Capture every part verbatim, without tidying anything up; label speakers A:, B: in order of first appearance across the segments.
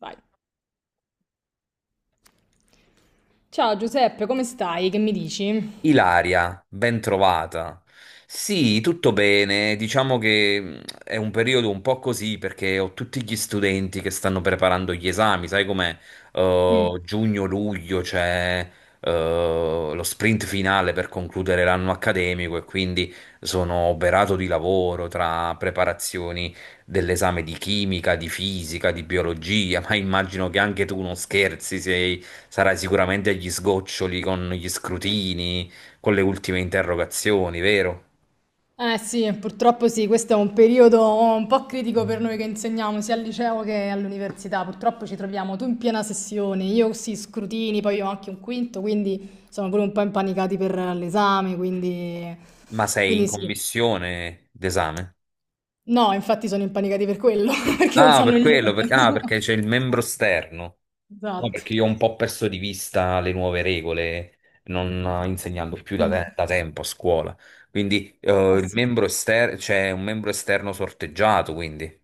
A: Vai. Ciao Giuseppe, come stai? Che mi dici?
B: Ilaria, ben trovata. Sì, tutto bene. Diciamo che mh, è un periodo un po' così perché ho tutti gli studenti che stanno preparando gli esami, sai com'è?
A: Mm.
B: Eh, giugno-luglio c'è eh, lo sprint finale per concludere l'anno accademico e quindi sono oberato di lavoro tra preparazioni dell'esame di chimica, di fisica, di biologia, ma immagino che anche tu non scherzi, sei, sarai sicuramente agli sgoccioli con gli scrutini, con le ultime interrogazioni, vero?
A: Eh sì, purtroppo sì, questo è un periodo un po' critico per noi che insegniamo sia al liceo che all'università. Purtroppo ci troviamo tu in piena sessione, io sì, scrutini, poi ho anche un quinto, quindi sono pure un po' impanicati per l'esame, quindi...
B: Ma sei in
A: quindi sì.
B: commissione d'esame?
A: No, infatti sono impanicati per quello, perché non
B: Ah,
A: sanno
B: per quello, per-
A: niente.
B: ah, perché c'è il membro esterno. No,
A: Esatto.
B: perché io ho un po' perso di vista le nuove regole, non eh, insegnando più da,
A: Mm.
B: te- da tempo a scuola. Quindi eh,
A: Eh
B: il
A: sì.
B: membro esterno, c'è un membro esterno sorteggiato, quindi.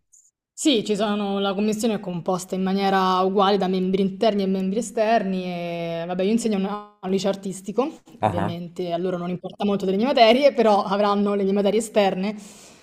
A: Sì, ci sono, la commissione è composta in maniera uguale da membri interni e membri esterni e vabbè, io insegno a un a un liceo artistico,
B: Ah ah.
A: ovviamente a loro non importa molto delle mie materie, però avranno le mie materie esterne,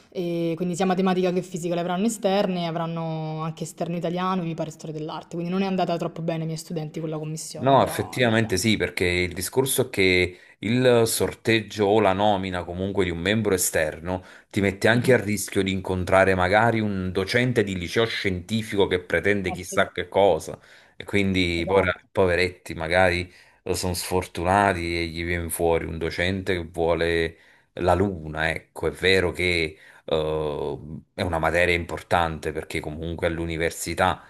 A: e quindi sia matematica che fisica le avranno esterne, avranno anche esterno italiano e mi pare storia dell'arte, quindi non è andata troppo bene ai miei studenti con la commissione,
B: No,
A: però dai.
B: effettivamente sì, perché il discorso è che il sorteggio o la nomina comunque di un membro esterno ti mette anche
A: Mhm.
B: a rischio di incontrare magari un docente di liceo scientifico che pretende
A: Eh sì,
B: chissà che cosa, e quindi poi,
A: esatto,
B: poveretti, magari sono sfortunati e gli viene fuori un docente che vuole la luna, ecco, è vero che eh, è una materia importante perché comunque all'università,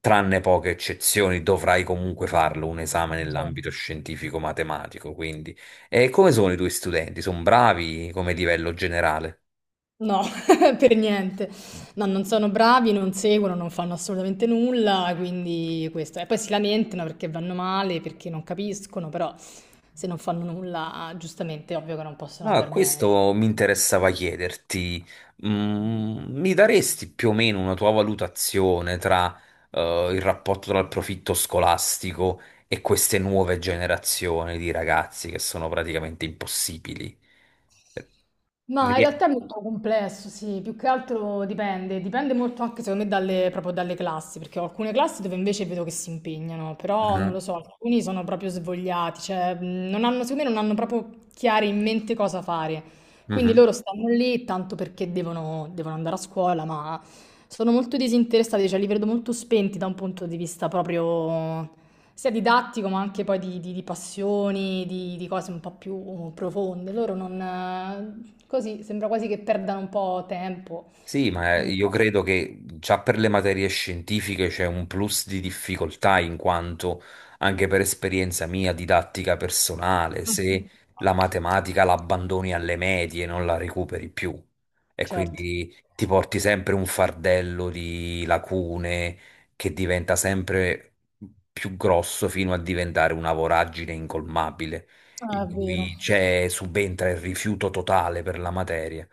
B: tranne poche eccezioni, dovrai comunque farlo un esame nell'ambito
A: certo.
B: scientifico-matematico. Quindi, e come sono i tuoi studenti? Sono bravi come livello generale?
A: No, per niente. No, non sono bravi, non seguono, non fanno assolutamente nulla, quindi questo. E poi si lamentano perché vanno male, perché non capiscono, però se non fanno nulla, giustamente è ovvio che non possono
B: No,
A: andare bene.
B: questo mi interessava chiederti, mm, mi daresti più o meno una tua valutazione tra, eh, il rapporto tra il profitto scolastico e queste nuove generazioni di ragazzi che sono praticamente impossibili?
A: Ma in realtà è
B: Perché...
A: molto complesso, sì, più che altro dipende, dipende molto anche secondo me dalle, proprio dalle classi, perché ho alcune classi dove invece vedo che si impegnano, però non
B: Ah,
A: lo so, alcuni sono proprio svogliati, cioè mh, non hanno, secondo me non hanno proprio chiari in mente cosa fare, quindi
B: mhm.
A: loro stanno lì tanto perché devono, devono andare a scuola, ma sono molto disinteressati, cioè li vedo molto spenti da un punto di vista proprio sia didattico ma anche poi di, di- di passioni, di, di cose un po' più profonde. Loro non... eh, così sembra quasi che perdano un po' tempo,
B: Sì, ma
A: non
B: eh,
A: lo
B: io
A: so.
B: credo che già per le materie scientifiche c'è un plus di difficoltà in quanto anche per esperienza mia didattica personale, se
A: Mhm.
B: la matematica la abbandoni alle medie non la recuperi più e
A: Certo,
B: quindi ti porti sempre un fardello di lacune che diventa sempre più grosso fino a diventare una voragine incolmabile
A: ah,
B: in
A: è vero.
B: cui c'è subentra il rifiuto totale per la materia.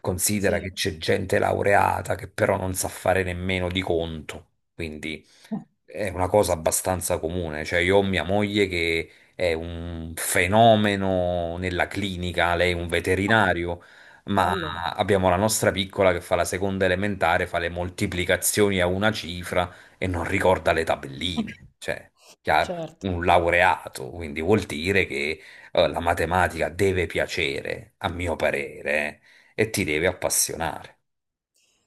B: Considera
A: Sì,
B: che c'è gente laureata che però non sa fare nemmeno di conto, quindi è una cosa
A: sì.
B: abbastanza comune, cioè io ho mia moglie che è un fenomeno nella clinica, lei è un
A: Ah,
B: veterinario, ma
A: bello.
B: abbiamo la nostra piccola che fa la seconda elementare, fa le moltiplicazioni a una cifra e non ricorda le tabelline, cioè, chiaro,
A: Certo.
B: un laureato, quindi vuol dire che eh, la matematica deve piacere, a mio parere, eh, e ti deve appassionare,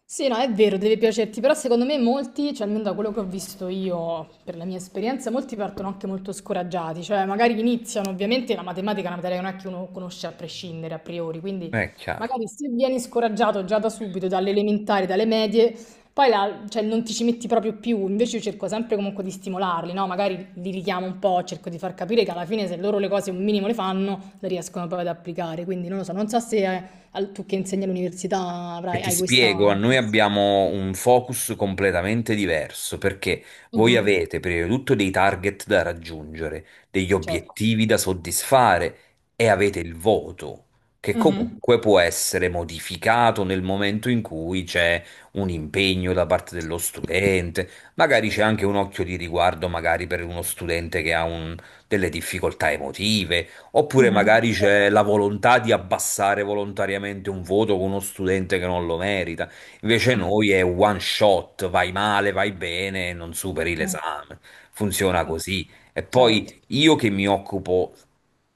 A: Sì, no, è vero, deve piacerti, però secondo me molti, cioè almeno da quello che ho visto io, per la mia esperienza, molti partono anche molto scoraggiati, cioè magari iniziano, ovviamente la matematica è una materia che non è che uno conosce a prescindere, a priori, quindi
B: è chiaro.
A: magari se vieni scoraggiato già da subito, dalle elementari, dalle medie, poi la- cioè, non ti ci metti proprio più, invece io cerco sempre comunque di stimolarli, no? Magari li richiamo un po', cerco di far capire che alla fine se loro le cose un minimo le fanno, le riescono poi ad applicare, quindi non lo so, non so se... eh, al tu che insegni all'università
B: E
A: avrai
B: ti
A: hai questa
B: spiego, noi
A: forza.
B: abbiamo un focus completamente diverso perché voi
A: Mh-mh,
B: avete prima di tutto dei target da raggiungere, degli
A: certo.
B: obiettivi da soddisfare e avete il voto, che
A: Mh-mh,
B: comunque può essere modificato nel momento in cui c'è un impegno da parte dello studente, magari c'è anche un occhio di riguardo magari per uno studente che ha un- delle difficoltà emotive. Oppure
A: mh-mh.
B: magari c'è la volontà di abbassare volontariamente un voto con uno studente che non lo merita. Invece noi è one shot, vai male, vai bene, non superi
A: Mh,
B: l'esame. Funziona
A: o
B: così. E
A: certo,
B: poi io che mi occupo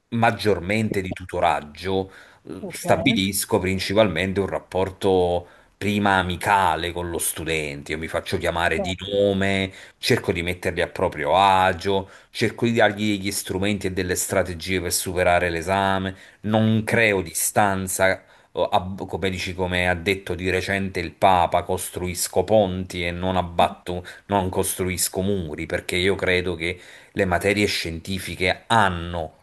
B: maggiormente di tutoraggio, eh,
A: okay,
B: stabilisco principalmente un rapporto prima amicale con lo studente. Io mi faccio chiamare di
A: certo,
B: nome, cerco di metterli a proprio agio, cerco di dargli degli strumenti e delle strategie per superare l'esame, non
A: mh,
B: creo distanza, o ab- come dici, come ha detto di recente il Papa, costruisco ponti e non abbatto, non costruisco muri, perché io credo che le materie scientifiche hanno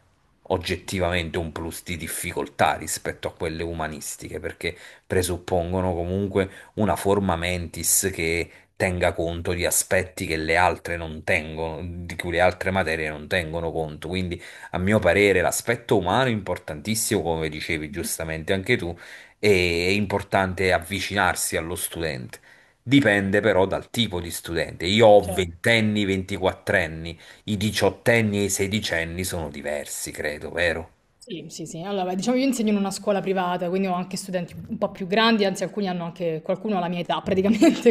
B: oggettivamente un plus di difficoltà rispetto a quelle umanistiche, perché presuppongono comunque una forma mentis che tenga conto di aspetti che le altre non tengono, di cui le altre materie non tengono conto. Quindi, a mio parere, l'aspetto umano è importantissimo, come dicevi giustamente anche tu, e è importante avvicinarsi allo studente. Dipende però dal tipo di studente. Io ho
A: certo.
B: ventenni, ventiquattrenni, i diciottenni e i sedicenni sono diversi, credo, vero?
A: Sì, sì, sì. Allora, beh, diciamo io insegno in una scuola privata, quindi ho anche studenti un po' più grandi, anzi alcuni hanno anche qualcuno ha la mia età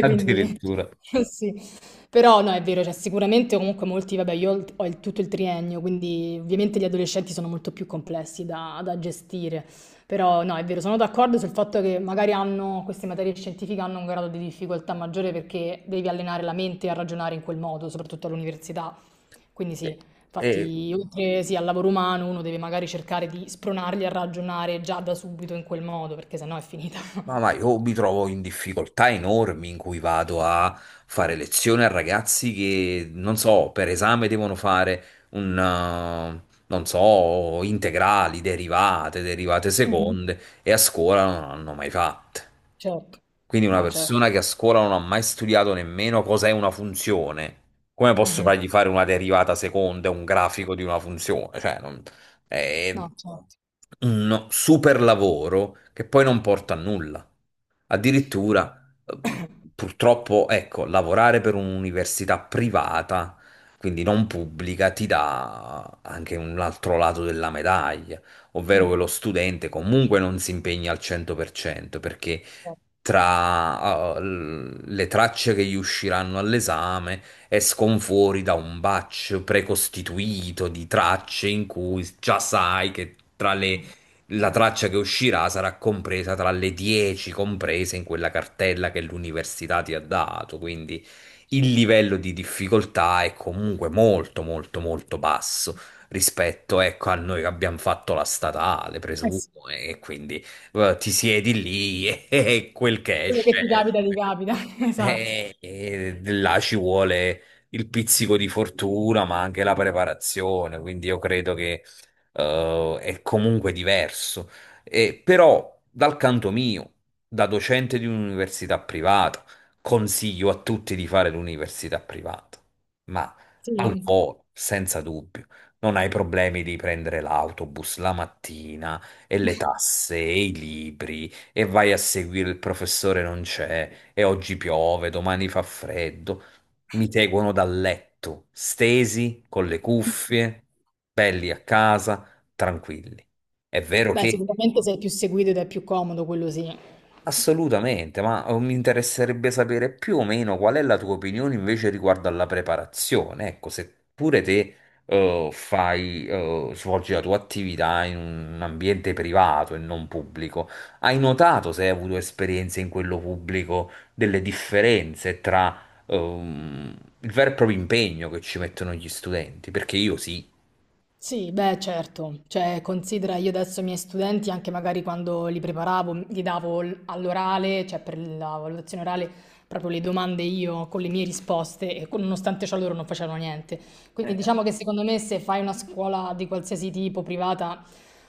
A: quindi
B: Addirittura.
A: sì. Però no, è vero, cioè sicuramente comunque molti, vabbè, io ho il- ho il- tutto il triennio, quindi ovviamente gli adolescenti sono molto più complessi da, da gestire. Però no, è vero, sono d'accordo sul fatto che magari hanno, queste materie scientifiche hanno un grado di difficoltà maggiore perché devi allenare la mente a ragionare in quel modo, soprattutto all'università. Quindi sì,
B: Eh, E
A: infatti, oltre sì, al lavoro umano, uno deve magari cercare di spronarli a ragionare già da subito in quel modo, perché sennò è finita.
B: Ma, ma io mi trovo in difficoltà enormi in cui vado a fare lezioni a ragazzi che, non so, per esame devono fare un, eh, non so, integrali, derivate, derivate
A: Mhm.
B: seconde e a scuola non hanno mai fatte.
A: Certo,
B: Quindi una
A: no, certo.
B: persona che a scuola non ha mai studiato nemmeno cos'è una funzione, come posso
A: Mhm.
B: fargli fare una derivata seconda, un grafico di una funzione? Cioè, non- è
A: No, certo.
B: un super lavoro che poi non porta a nulla. Addirittura, ehm, purtroppo, ecco, lavorare per un'università privata, quindi non pubblica, ti dà anche un altro lato della medaglia, ovvero che
A: Mm.
B: lo studente comunque non si impegna al cento per cento, perché
A: Mh,
B: tra eh, l- le tracce che gli usciranno all'esame escono fuori da un batch precostituito di tracce in cui già sai che tra le la
A: eh,
B: traccia che uscirà sarà compresa tra le dieci comprese in quella cartella che l'università ti ha dato, quindi il livello di difficoltà è comunque molto molto molto basso rispetto, ecco, a noi che abbiamo fatto la statale,
A: eh
B: presumo,
A: sì,
B: e quindi eh, ti siedi lì e, quel che
A: quello che
B: esce,
A: ti
B: esce.
A: capita, ti capita, esatto.
B: E, e là ci vuole il pizzico di fortuna, ma anche la preparazione, quindi io credo che eh, è comunque diverso. E, però, dal canto mio, da docente di un'università privata, consiglio a tutti di fare l'università privata, ma al
A: Sì.
B: volo, senza dubbio. Non hai problemi di prendere l'autobus la mattina e le tasse e i libri e vai a seguire il professore non c'è, e oggi piove, domani fa freddo. Mi seguono dal letto, stesi, con le cuffie, belli a casa, tranquilli. È vero
A: Beh,
B: che
A: sicuramente sei più seguito ed è più comodo, quello sì.
B: assolutamente, ma eh, mi interesserebbe sapere più o meno qual è la tua opinione invece riguardo alla preparazione. Ecco, se pure te eh, fai, eh, svolgi la tua attività in un ambiente privato e non pubblico, hai notato se hai avuto esperienze in quello pubblico delle differenze tra ehm, il vero e proprio impegno che ci mettono gli studenti? Perché io sì.
A: Sì, beh, certo. Cioè, considera io adesso i miei studenti, anche magari quando li preparavo, gli davo l- all'orale, cioè per la valutazione orale, proprio le domande io con le mie risposte e con- nonostante ciò loro non facevano niente. Quindi
B: Eh,
A: diciamo che secondo me se fai una scuola di qualsiasi tipo privata,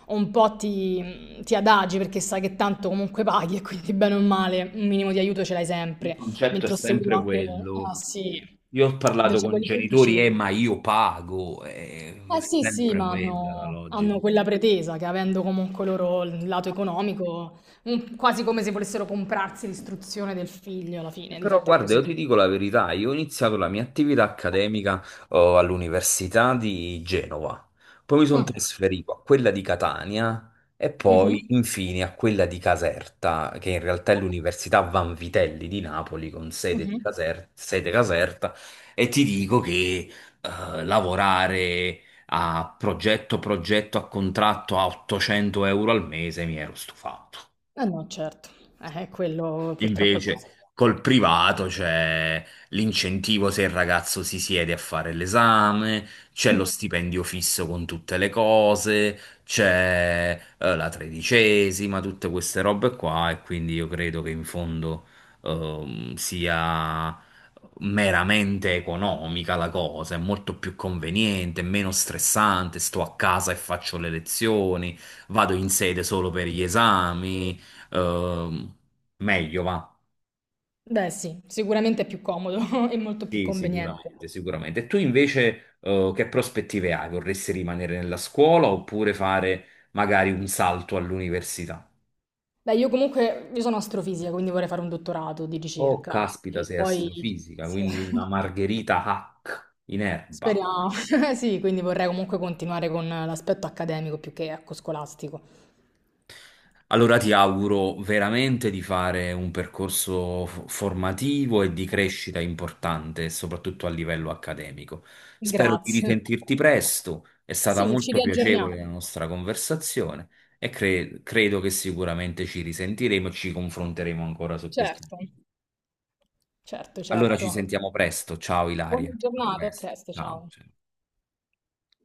A: un po' ti, ti adagi perché sai che tanto comunque paghi e quindi bene o male un minimo di aiuto ce l'hai
B: il
A: sempre.
B: concetto è
A: Mentre ho seguito
B: sempre
A: anche ah
B: quello.
A: sì,
B: Io ho parlato
A: invece
B: con
A: quelli
B: genitori,
A: pubblici.
B: eh, ma io pago, eh, è
A: Eh sì, sì,
B: sempre
A: ma
B: quella la
A: hanno,
B: logica.
A: hanno quella pretesa che avendo comunque loro il lato economico, un- quasi come se volessero comprarsi l'istruzione del figlio alla fine, di
B: Però
A: fatto è
B: guarda, io
A: così.
B: ti dico la verità, io ho iniziato la mia attività accademica oh, all'Università di Genova, poi mi sono
A: Ah,
B: trasferito a quella di Catania e
A: mhm,
B: poi infine a quella di Caserta, che in realtà è l'Università Vanvitelli di Napoli con sede, di
A: mhm.
B: Caser- sede Caserta, e ti dico che eh, lavorare a progetto, progetto a contratto a ottocento euro al mese mi ero stufato.
A: Eh no, certo, eh, quello purtroppo è così.
B: Invece col privato c'è l'incentivo se il ragazzo si siede a fare l'esame, c'è lo
A: Mm.
B: stipendio fisso con tutte le cose, c'è eh, la tredicesima, tutte queste robe qua e quindi io credo che in fondo ehm, sia meramente economica la cosa, è molto più conveniente, è meno stressante, sto a casa e faccio le lezioni, vado in sede solo per gli esami. Ehm, Meglio va.
A: Beh sì, sicuramente è più comodo e molto più
B: Sì,
A: conveniente.
B: sicuramente, sicuramente. E tu invece, eh, che prospettive hai? Vorresti rimanere nella scuola oppure fare magari un salto all'università?
A: Beh, io comunque io sono astrofisica, quindi vorrei fare un dottorato di
B: Oh,
A: ricerca.
B: caspita,
A: E
B: sei
A: poi
B: astrofisica,
A: sì,
B: quindi una Margherita Hack in erba.
A: speriamo. Sì, quindi vorrei comunque continuare con l'aspetto accademico più che ecco, scolastico.
B: Allora ti auguro veramente di fare un percorso f- formativo e di crescita importante, soprattutto a livello accademico. Spero di
A: Grazie.
B: risentirti presto, è stata
A: Sì, ci
B: molto piacevole la
A: riaggiorniamo.
B: nostra conversazione e cre- credo che sicuramente ci risentiremo e ci confronteremo ancora su questi.
A: Certo, certo,
B: Allora ci
A: certo.
B: sentiamo presto, ciao
A: Buona
B: Ilaria, a
A: giornata, a
B: presto,
A: presto,
B: ciao.
A: ciao.
B: Ciao.